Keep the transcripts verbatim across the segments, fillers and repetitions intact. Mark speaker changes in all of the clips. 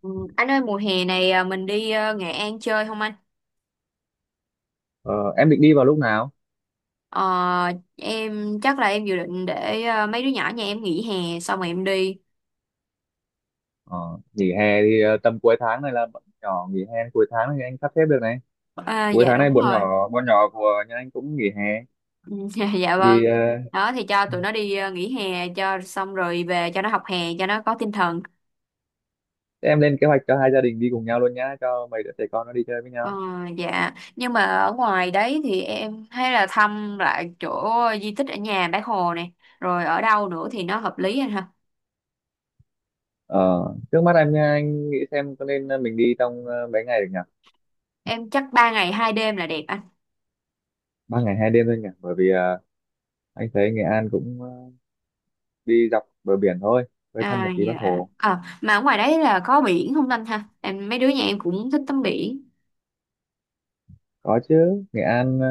Speaker 1: Ừ. Anh ơi mùa hè này à, mình đi à, Nghệ An chơi không anh?
Speaker 2: Ờ, em định đi vào lúc nào?
Speaker 1: Ờ, em chắc là em dự định để à, mấy đứa nhỏ nhà em nghỉ hè xong rồi em đi.
Speaker 2: Ờ, nghỉ hè thì ờ, tầm cuối tháng này là bọn nhỏ nghỉ hè, cuối tháng này anh sắp xếp được này.
Speaker 1: À,
Speaker 2: Cuối
Speaker 1: dạ
Speaker 2: tháng
Speaker 1: đúng
Speaker 2: này bọn
Speaker 1: rồi.
Speaker 2: nhỏ bọn nhỏ của nhà anh cũng nghỉ hè,
Speaker 1: Ừ. Dạ, dạ vâng.
Speaker 2: thì ờ,
Speaker 1: Đó thì cho tụi nó đi à, nghỉ hè cho xong rồi về cho nó học hè cho nó có tinh thần.
Speaker 2: em lên kế hoạch cho hai gia đình đi cùng nhau luôn nhá, cho mấy đứa trẻ con nó đi chơi với
Speaker 1: Ờ,
Speaker 2: nhau.
Speaker 1: dạ nhưng mà ở ngoài đấy thì em thấy là thăm lại chỗ di tích ở nhà Bác Hồ này, rồi ở đâu nữa thì nó hợp lý anh ha?
Speaker 2: Ờ, trước mắt em nha, anh nghĩ xem có nên ờ, mình đi trong ờ, mấy ngày được nhỉ?
Speaker 1: Em chắc ba ngày hai đêm là đẹp anh.
Speaker 2: Ba ngày hai đêm thôi nhỉ? Bởi vì ờ, anh thấy Nghệ An cũng ờ, đi dọc bờ biển thôi, với thăm
Speaker 1: À
Speaker 2: một tí Bắc
Speaker 1: dạ.
Speaker 2: Hồ.
Speaker 1: Ờ mà ở ngoài đấy là có biển không Linh ha? Em, mấy đứa nhà em cũng thích tắm biển.
Speaker 2: Có chứ, Nghệ An ờ,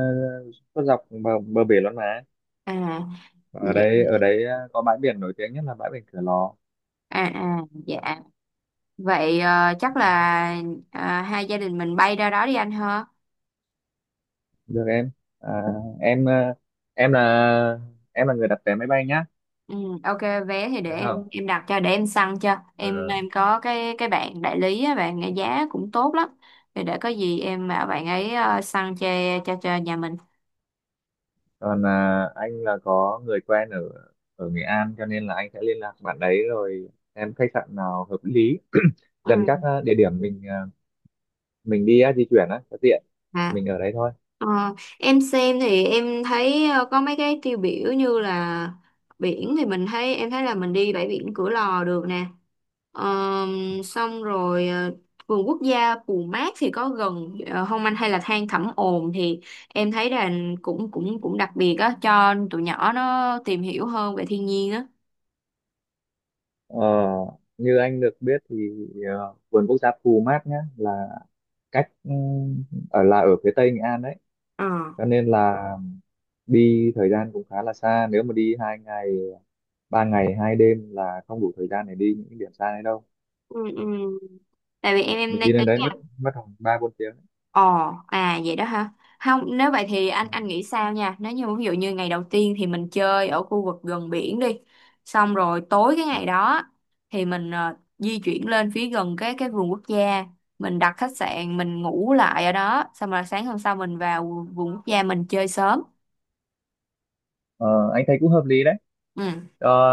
Speaker 2: có dọc bờ, bờ biển luôn mà.
Speaker 1: À
Speaker 2: Ở
Speaker 1: vậy-
Speaker 2: đây ở đấy à, có bãi biển nổi tiếng nhất là bãi biển Cửa Lò.
Speaker 1: à à dạ. Vậy ờ, chắc là à, hai gia đình mình bay ra đó đi anh ha.
Speaker 2: Được em à, em à, em là em là người đặt vé máy bay nhá,
Speaker 1: Ừ, ok, vé thì để
Speaker 2: được
Speaker 1: em
Speaker 2: không?
Speaker 1: em đặt cho, để em săn cho. Em
Speaker 2: Ừ.
Speaker 1: em có cái cái bạn đại lý á, bạn ấy giá cũng tốt lắm. Thì để có gì em bảo bạn ấy ờ, săn cho cho cho nhà mình.
Speaker 2: Còn à, anh là có người quen ở ở Nghệ An, cho nên là anh sẽ liên lạc bạn đấy, rồi em khách sạn nào hợp lý
Speaker 1: Ừ.
Speaker 2: gần các à, địa điểm mình à, mình đi á, di chuyển á cho tiện,
Speaker 1: À,
Speaker 2: mình ở đấy thôi.
Speaker 1: ờ, em xem thì em thấy ờ, có mấy cái tiêu biểu như là biển, thì mình thấy em thấy là mình đi bãi biển Cửa Lò được nè. Ờm, xong rồi ờ, vườn quốc gia Pù Mát thì có gần ờ, không anh, hay là than Thẩm Ồn thì em thấy là cũng cũng cũng đặc biệt á cho tụi nhỏ nó tìm hiểu hơn về thiên nhiên á.
Speaker 2: Ờ, như anh được biết thì à, vườn quốc gia Pù Mát nhá là cách ừ, ở là ở phía tây Nghệ An đấy,
Speaker 1: Ờ.
Speaker 2: cho nên là đi thời gian cũng khá là xa, nếu mà đi hai ngày ba ngày hai đêm là không đủ thời gian để đi những cái điểm xa đấy đâu.
Speaker 1: Ừ, ừ. Tại vì em em
Speaker 2: Mình
Speaker 1: đang.
Speaker 2: đi lên đấy mất mất khoảng ba bốn tiếng đấy.
Speaker 1: Ồ, à vậy đó hả? Không, nếu vậy thì anh
Speaker 2: Ừ.
Speaker 1: anh nghĩ sao nha? Nếu như ví dụ như ngày đầu tiên thì mình chơi ở khu vực gần biển đi. Xong rồi tối cái ngày đó thì mình ờ, di chuyển lên phía gần cái cái vườn quốc gia, mình đặt khách sạn, mình ngủ lại ở đó, xong rồi sáng hôm sau mình vào vườn quốc gia mình chơi sớm.
Speaker 2: Ờ, anh thấy cũng hợp lý đấy.
Speaker 1: Ừ.
Speaker 2: Cho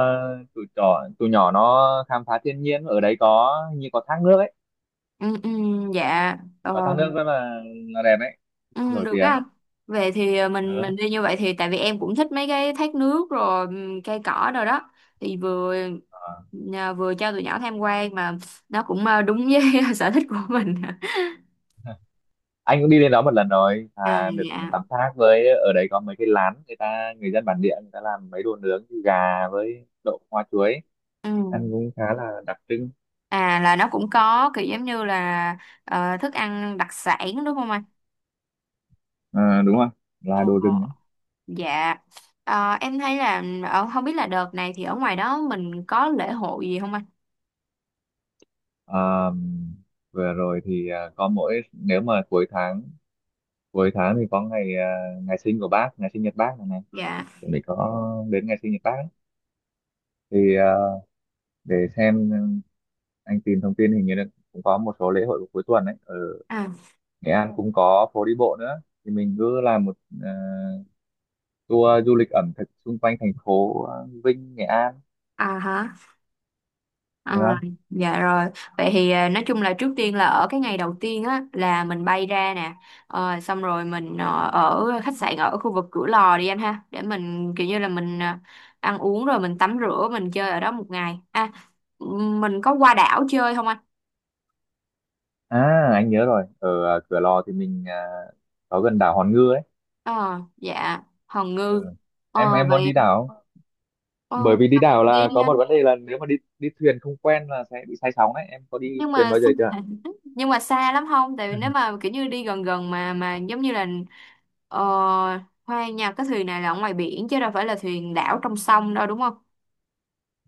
Speaker 2: tụi nhỏ, tụi nhỏ nó khám phá thiên nhiên ở đấy, có như có thác nước ấy,
Speaker 1: Ừ, ừ, dạ. Ờ.
Speaker 2: có thác nước rất là là đẹp ấy,
Speaker 1: Ừ,
Speaker 2: nổi
Speaker 1: được đó
Speaker 2: tiếng.
Speaker 1: anh. Về thì ờ, mình
Speaker 2: Ừ.
Speaker 1: mình đi như vậy, thì tại vì em cũng thích mấy cái thác nước rồi, ừm, cây cỏ rồi đó, thì vừa
Speaker 2: Ờ.
Speaker 1: nhà- vừa cho tụi nhỏ tham quan mà nó cũng ờ, đúng với sở thích của mình.
Speaker 2: Anh cũng đi lên đó một lần rồi,
Speaker 1: À
Speaker 2: à, được
Speaker 1: dạ.
Speaker 2: tắm thác, với ở đấy có mấy cái lán, người ta người dân bản địa người ta làm mấy đồ nướng gà với đậu hoa chuối, ăn
Speaker 1: Ừ.
Speaker 2: cũng khá là đặc trưng.
Speaker 1: À, là nó cũng có kiểu giống như là ờ, thức ăn đặc sản đúng không anh?
Speaker 2: Ờ, đúng rồi, là
Speaker 1: Ồ,
Speaker 2: đồ rừng đấy.
Speaker 1: dạ. Ờ, em thấy là ở không biết là đợt này thì ở ngoài đó mình có lễ hội gì không anh?
Speaker 2: Ờ, vừa rồi thì à, có mỗi nếu mà cuối tháng cuối tháng thì có ngày, à, ngày sinh của bác ngày sinh nhật bác này này,
Speaker 1: Dạ.
Speaker 2: chuẩn bị có đến ngày sinh nhật bác ấy. Thì à, để xem, ờ, anh tìm thông tin hình như là cũng có một số lễ hội của cuối tuần đấy ở
Speaker 1: À,
Speaker 2: Nghệ An, cũng có phố đi bộ nữa, thì mình cứ làm một à, tour du lịch ẩm thực xung quanh thành phố, à, Vinh Nghệ An,
Speaker 1: à hả? À,
Speaker 2: được không?
Speaker 1: dạ rồi. Vậy thì à, nói chung là trước tiên là ở cái ngày đầu tiên á là mình bay ra nè. Ờ, xong rồi mình ờ, ở khách sạn ở khu vực Cửa Lò đi anh ha, để mình kiểu như là mình à, ăn uống rồi mình tắm rửa mình chơi ở đó một ngày. À, mình có qua đảo chơi không anh?
Speaker 2: À, anh nhớ rồi, ở à, Cửa Lò thì mình à, có gần đảo Hòn Ngư ấy.
Speaker 1: Ờ dạ, Hòn
Speaker 2: Ừ.
Speaker 1: Ngư.
Speaker 2: Em
Speaker 1: Ờ
Speaker 2: em muốn
Speaker 1: vậy
Speaker 2: đi đảo không?
Speaker 1: ờ,
Speaker 2: Bởi vì đi đảo
Speaker 1: đi
Speaker 2: là
Speaker 1: đi
Speaker 2: có một
Speaker 1: anh.
Speaker 2: vấn đề là, nếu mà đi đi thuyền không quen là sẽ bị say sóng đấy, em có đi
Speaker 1: Nhưng
Speaker 2: thuyền
Speaker 1: mà
Speaker 2: bao giờ
Speaker 1: xa-
Speaker 2: chưa?
Speaker 1: nhưng mà xa lắm không? Tại vì nếu mà kiểu như đi gần gần mà mà giống như là ờ, Hoa Nha, cái thuyền này là ở ngoài biển chứ đâu phải là thuyền đảo trong sông đâu, đúng không?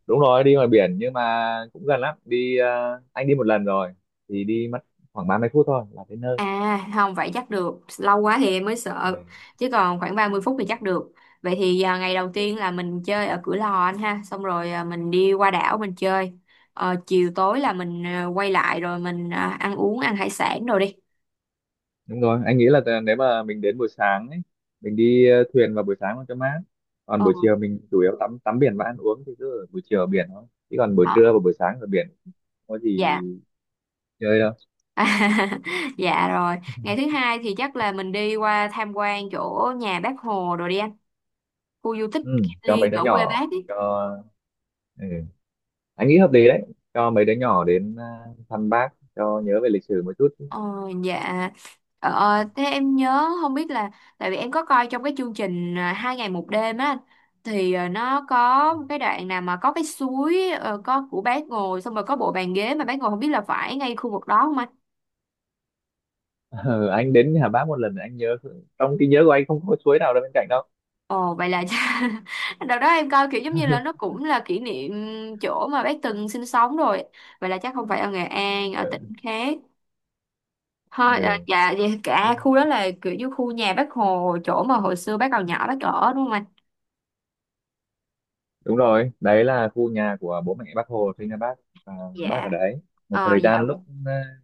Speaker 2: Đúng rồi, đi ngoài biển, nhưng mà cũng gần lắm. Đi ờ, anh đi một lần rồi thì đi mất khoảng ba mươi phút thôi là tới nơi.
Speaker 1: À không, vậy chắc được. Lâu quá thì em mới
Speaker 2: Ừ.
Speaker 1: sợ, chứ còn khoảng ba mươi phút thì chắc được. Vậy thì à, ngày đầu tiên là mình chơi ở Cửa Lò anh ha, xong rồi à, mình đi qua đảo mình chơi. Ờ, chiều tối là mình à, quay lại rồi mình à, ăn uống, ăn hải sản rồi đi.
Speaker 2: Đúng rồi, anh nghĩ là, t- nếu mà mình đến buổi sáng ấy mình đi ờ, thuyền vào buổi sáng cho mát, còn
Speaker 1: ờ
Speaker 2: buổi chiều mình chủ yếu tắm tắm biển và ăn uống, thì cứ ở buổi chiều ở biển thôi, chứ còn buổi
Speaker 1: ờ,
Speaker 2: trưa và buổi sáng ở biển không có gì
Speaker 1: dạ.
Speaker 2: chơi đâu.
Speaker 1: À, dạ, rồi ngày thứ hai thì chắc là mình đi qua tham quan chỗ nhà bác Hồ rồi đi anh, khu du tích
Speaker 2: Ừ,
Speaker 1: Kim
Speaker 2: cho mấy
Speaker 1: Liên
Speaker 2: đứa
Speaker 1: ở quê bác
Speaker 2: nhỏ
Speaker 1: ấy.
Speaker 2: cho. Ừ, anh nghĩ hợp lý đấy, cho mấy đứa nhỏ đến à, thăm bác cho nhớ về lịch sử một chút.
Speaker 1: ờ, dạ. Ờ, thế em nhớ, không biết là tại vì em có coi trong cái chương trình à, hai ngày một đêm á anh, thì à, nó có một cái đoạn nào mà có cái suối ờ, có của bác ngồi, xong rồi có bộ bàn ghế mà bác ngồi, không biết là phải ngay khu vực đó không?
Speaker 2: Ừ, anh đến nhà bác một lần, anh nhớ trong trí nhớ của anh không có suối nào đâu bên cạnh đâu.
Speaker 1: Ồ, vậy là đợt đó em coi kiểu giống như là nó cũng là kỷ niệm chỗ mà bác từng sinh sống rồi. Vậy là chắc không phải ở Nghệ An, ở
Speaker 2: Ừ.
Speaker 1: tỉnh khác. Thôi à,
Speaker 2: Ừ,
Speaker 1: dạ dạ,
Speaker 2: ừ.
Speaker 1: cả khu đó là kiểu như khu nhà bác Hồ, chỗ mà hồi xưa bác còn nhỏ bác ở, đúng không anh?
Speaker 2: Đúng rồi, đấy là khu nhà của bố mẹ bác Hồ sinh ra bác, và bác ở
Speaker 1: Dạ.
Speaker 2: đấy một
Speaker 1: Ờ
Speaker 2: thời
Speaker 1: dạ.
Speaker 2: gian lúc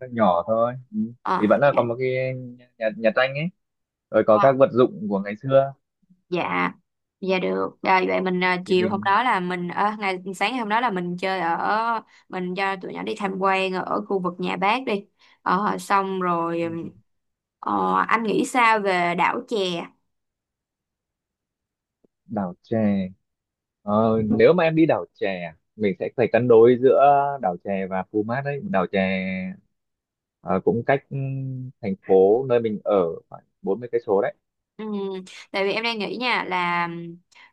Speaker 2: à, nhỏ thôi. Ừ. Thì
Speaker 1: ờ
Speaker 2: vẫn là
Speaker 1: dạ.
Speaker 2: có một cái nhà, nhà tranh ấy, rồi có
Speaker 1: Ờ.
Speaker 2: các vật dụng của ngày xưa.
Speaker 1: Dạ, dạ, được à, vậy mình à,
Speaker 2: Thì
Speaker 1: chiều hôm
Speaker 2: mình,
Speaker 1: đó là mình, ờ, ngày sáng ngày hôm đó là mình chơi ở mình cho tụi nhỏ đi tham quan ở khu vực nhà bác đi. Ờ, xong rồi
Speaker 2: ừ,
Speaker 1: ừm, ờ, anh nghĩ sao về đảo chè?
Speaker 2: đảo chè. Ờ, nếu mà em đi đảo chè mình sẽ phải cân đối giữa đảo chè và Phú Mát đấy. Đảo chè ờ, cũng cách ừm, thành phố nơi mình ở khoảng bốn mươi cây số đấy.
Speaker 1: Ừm, Tại vì em đang nghĩ nha là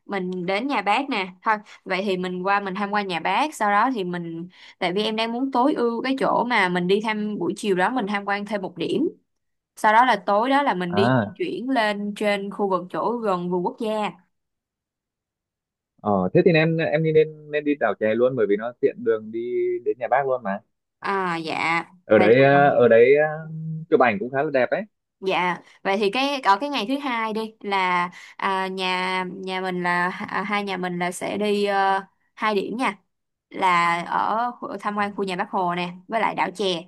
Speaker 1: mình đến nhà bác nè thôi. Vậy thì mình qua mình tham quan nhà bác, sau đó thì mình tại vì em đang muốn tối ưu cái chỗ mà mình đi thăm, buổi chiều đó mình tham quan thêm một điểm, sau đó là tối đó là mình đi di
Speaker 2: À,
Speaker 1: chuyển lên trên khu vực chỗ gần vườn quốc gia.
Speaker 2: ờ, thế thì em em đi nên nên đi đảo chè luôn, bởi vì nó tiện đường đi đến nhà bác luôn mà.
Speaker 1: À dạ.
Speaker 2: Ở
Speaker 1: vậy
Speaker 2: đấy, ờ, ở đấy ờ, chụp ảnh cũng khá là đẹp đấy.
Speaker 1: dạ, vậy thì cái ở cái ngày thứ hai đi là à, nhà nhà mình là à, hai nhà mình là sẽ đi ờ, hai điểm nha, là ở khu- tham quan khu nhà Bác Hồ nè với lại đảo chè,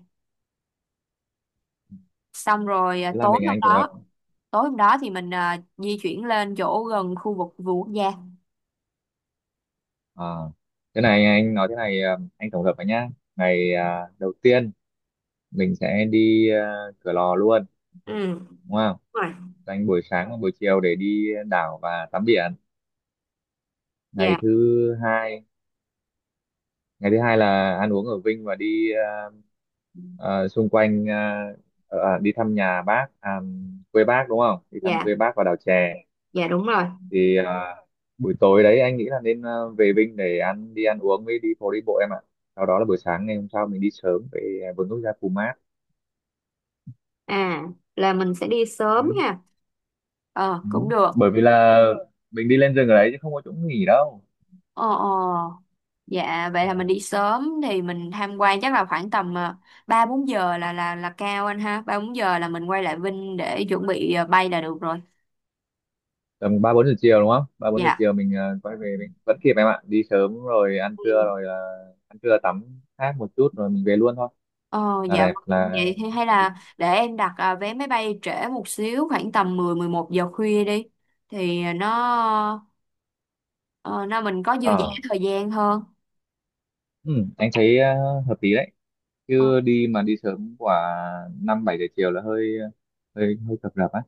Speaker 1: xong rồi à,
Speaker 2: Thế là
Speaker 1: tối
Speaker 2: mình
Speaker 1: hôm
Speaker 2: Anh tổng hợp.
Speaker 1: đó tối hôm đó thì mình à, di chuyển lên chỗ gần khu vực vườn quốc gia.
Speaker 2: Ờ, thế này anh nói thế này, ờ, anh tổng hợp với nhá. Ngày ờ, đầu tiên mình sẽ đi ờ, Cửa Lò luôn,
Speaker 1: Ừ, đúng
Speaker 2: đúng không?
Speaker 1: rồi.
Speaker 2: Dành buổi sáng và buổi chiều để đi đảo và tắm biển. ngày
Speaker 1: Dạ,
Speaker 2: thứ hai Ngày thứ hai là ăn uống ở Vinh và đi ờ, ờ, xung quanh, ờ, ờ, à, đi thăm nhà bác à, quê bác, đúng không? Đi thăm
Speaker 1: dạ.
Speaker 2: quê bác và đảo chè.
Speaker 1: Dạ, đúng rồi.
Speaker 2: Thì ờ, buổi tối đấy anh nghĩ là nên ờ, về Vinh để ăn đi ăn uống với đi phố đi bộ em ạ. Sau đó là buổi sáng ngày hôm sau mình đi sớm về vườn quốc gia Pumat
Speaker 1: À, là mình sẽ đi sớm
Speaker 2: đấy.
Speaker 1: ha? Ờ,
Speaker 2: Ừ.
Speaker 1: cũng được.
Speaker 2: Bởi vì là mình đi lên rừng ở đấy chứ không có chỗ nghỉ đâu.
Speaker 1: Ờ, ờ. Dạ, vậy là mình đi sớm thì mình tham quan chắc là khoảng tầm ờ, ba bốn giờ là là là cao anh ha. Ba bốn giờ là mình quay lại Vinh để chuẩn bị ờ, bay là được rồi.
Speaker 2: Tầm ba bốn giờ chiều đúng không? Ba bốn giờ
Speaker 1: Dạ.
Speaker 2: chiều mình ờ, quay về mình vẫn kịp em ạ, đi sớm rồi ăn trưa,
Speaker 1: Ừ.
Speaker 2: rồi ờ, ăn trưa tắm hát một chút rồi mình về luôn thôi
Speaker 1: Ờ,
Speaker 2: là
Speaker 1: dạ vâng.
Speaker 2: đẹp là.
Speaker 1: Vậy thì hay là để em đặt à, vé máy bay trễ một xíu, khoảng tầm mười mười một giờ khuya đi, thì nó ờ, nó mình có dư dả
Speaker 2: ờ
Speaker 1: thời gian hơn.
Speaker 2: ừ, anh thấy ờ, hợp lý đấy,
Speaker 1: Ờ.
Speaker 2: chứ đi mà đi sớm quả năm bảy giờ chiều là hơi hơi hơi cập rập á.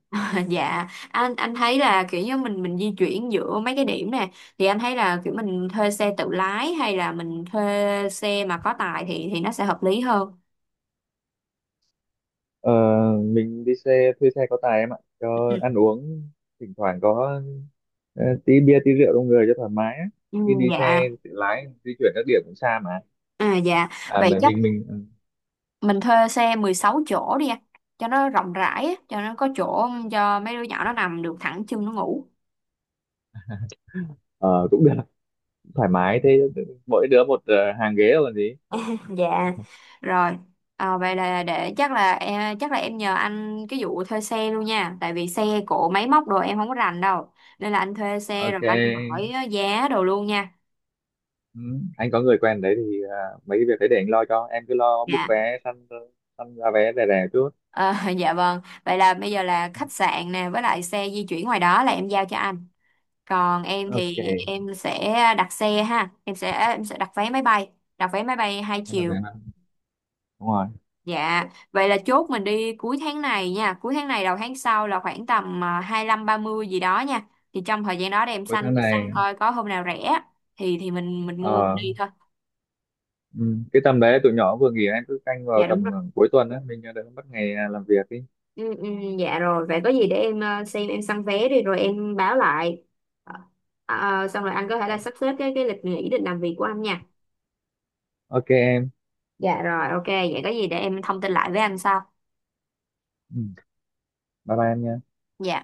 Speaker 1: Dạ, anh anh thấy là kiểu như mình mình di chuyển giữa mấy cái điểm nè thì anh thấy là kiểu mình thuê xe tự lái hay là mình thuê xe mà có tài, thì thì nó sẽ hợp lý hơn.
Speaker 2: ờ, mình đi xe, thuê xe có tài em ạ, cho ăn uống thỉnh thoảng có ờ, tí bia tí rượu trong người cho thoải mái á,
Speaker 1: Ừ.
Speaker 2: khi
Speaker 1: Ừ,
Speaker 2: đi
Speaker 1: dạ.
Speaker 2: xe tự lái di chuyển các điểm cũng xa mà.
Speaker 1: À dạ,
Speaker 2: À
Speaker 1: vậy
Speaker 2: mình
Speaker 1: chắc
Speaker 2: mình, mình
Speaker 1: mình thuê xe mười sáu chỗ đi anh, cho nó rộng rãi á, cho nó có chỗ cho mấy đứa nhỏ nó nằm được thẳng chân nó ngủ.
Speaker 2: ờ, cũng được, thoải mái thế, mỗi đứa một ờ, hàng ghế rồi còn gì.
Speaker 1: Dạ, rồi. Ờ, vậy là để chắc là em chắc là em nhờ anh cái vụ thuê xe luôn nha, tại vì xe cộ máy móc đồ em không có rành đâu. Nên là anh thuê xe rồi anh
Speaker 2: Ok.
Speaker 1: hỏi giá đồ luôn nha.
Speaker 2: Ừ, anh có người quen đấy, thì à, mấy cái việc đấy để anh lo, cho em cứ lo book
Speaker 1: Dạ.
Speaker 2: vé, săn săn giá vé rẻ rẻ chút.
Speaker 1: Ờ, dạ vâng. Vậy là bây giờ là khách sạn nè với lại xe di chuyển ngoài đó là em giao cho anh. Còn em
Speaker 2: Ok
Speaker 1: thì em sẽ đặt xe ha, em sẽ em sẽ đặt vé máy bay, đặt vé máy bay hai
Speaker 2: em. Là vé
Speaker 1: chiều.
Speaker 2: năm, đúng rồi,
Speaker 1: Dạ, vậy là chốt mình đi cuối tháng này nha, cuối tháng này đầu tháng sau là khoảng tầm à, hai lăm ba mươi gì đó nha. Thì trong thời gian đó để em
Speaker 2: cuối
Speaker 1: săn
Speaker 2: tháng này.
Speaker 1: săn coi có hôm nào rẻ thì thì mình mình mua mình
Speaker 2: ờ
Speaker 1: đi thôi.
Speaker 2: ừ, cái tầm đấy tụi nhỏ vừa nghỉ, em cứ canh vào
Speaker 1: Dạ đúng
Speaker 2: tầm
Speaker 1: rồi.
Speaker 2: ờ, cuối tuần á, mình đỡ mất ngày à, làm việc đi.
Speaker 1: Ừ, ừ, dạ rồi, vậy có gì để em ờ, xem em săn vé đi rồi em báo lại. Ờ, ờ, Xong rồi anh có thể là sắp xếp cái cái lịch nghỉ định làm việc của anh nha.
Speaker 2: Ok em.
Speaker 1: Dạ rồi, ok, vậy có gì để em thông tin lại với anh sau.
Speaker 2: Ừ, bye bye em nha.
Speaker 1: Dạ.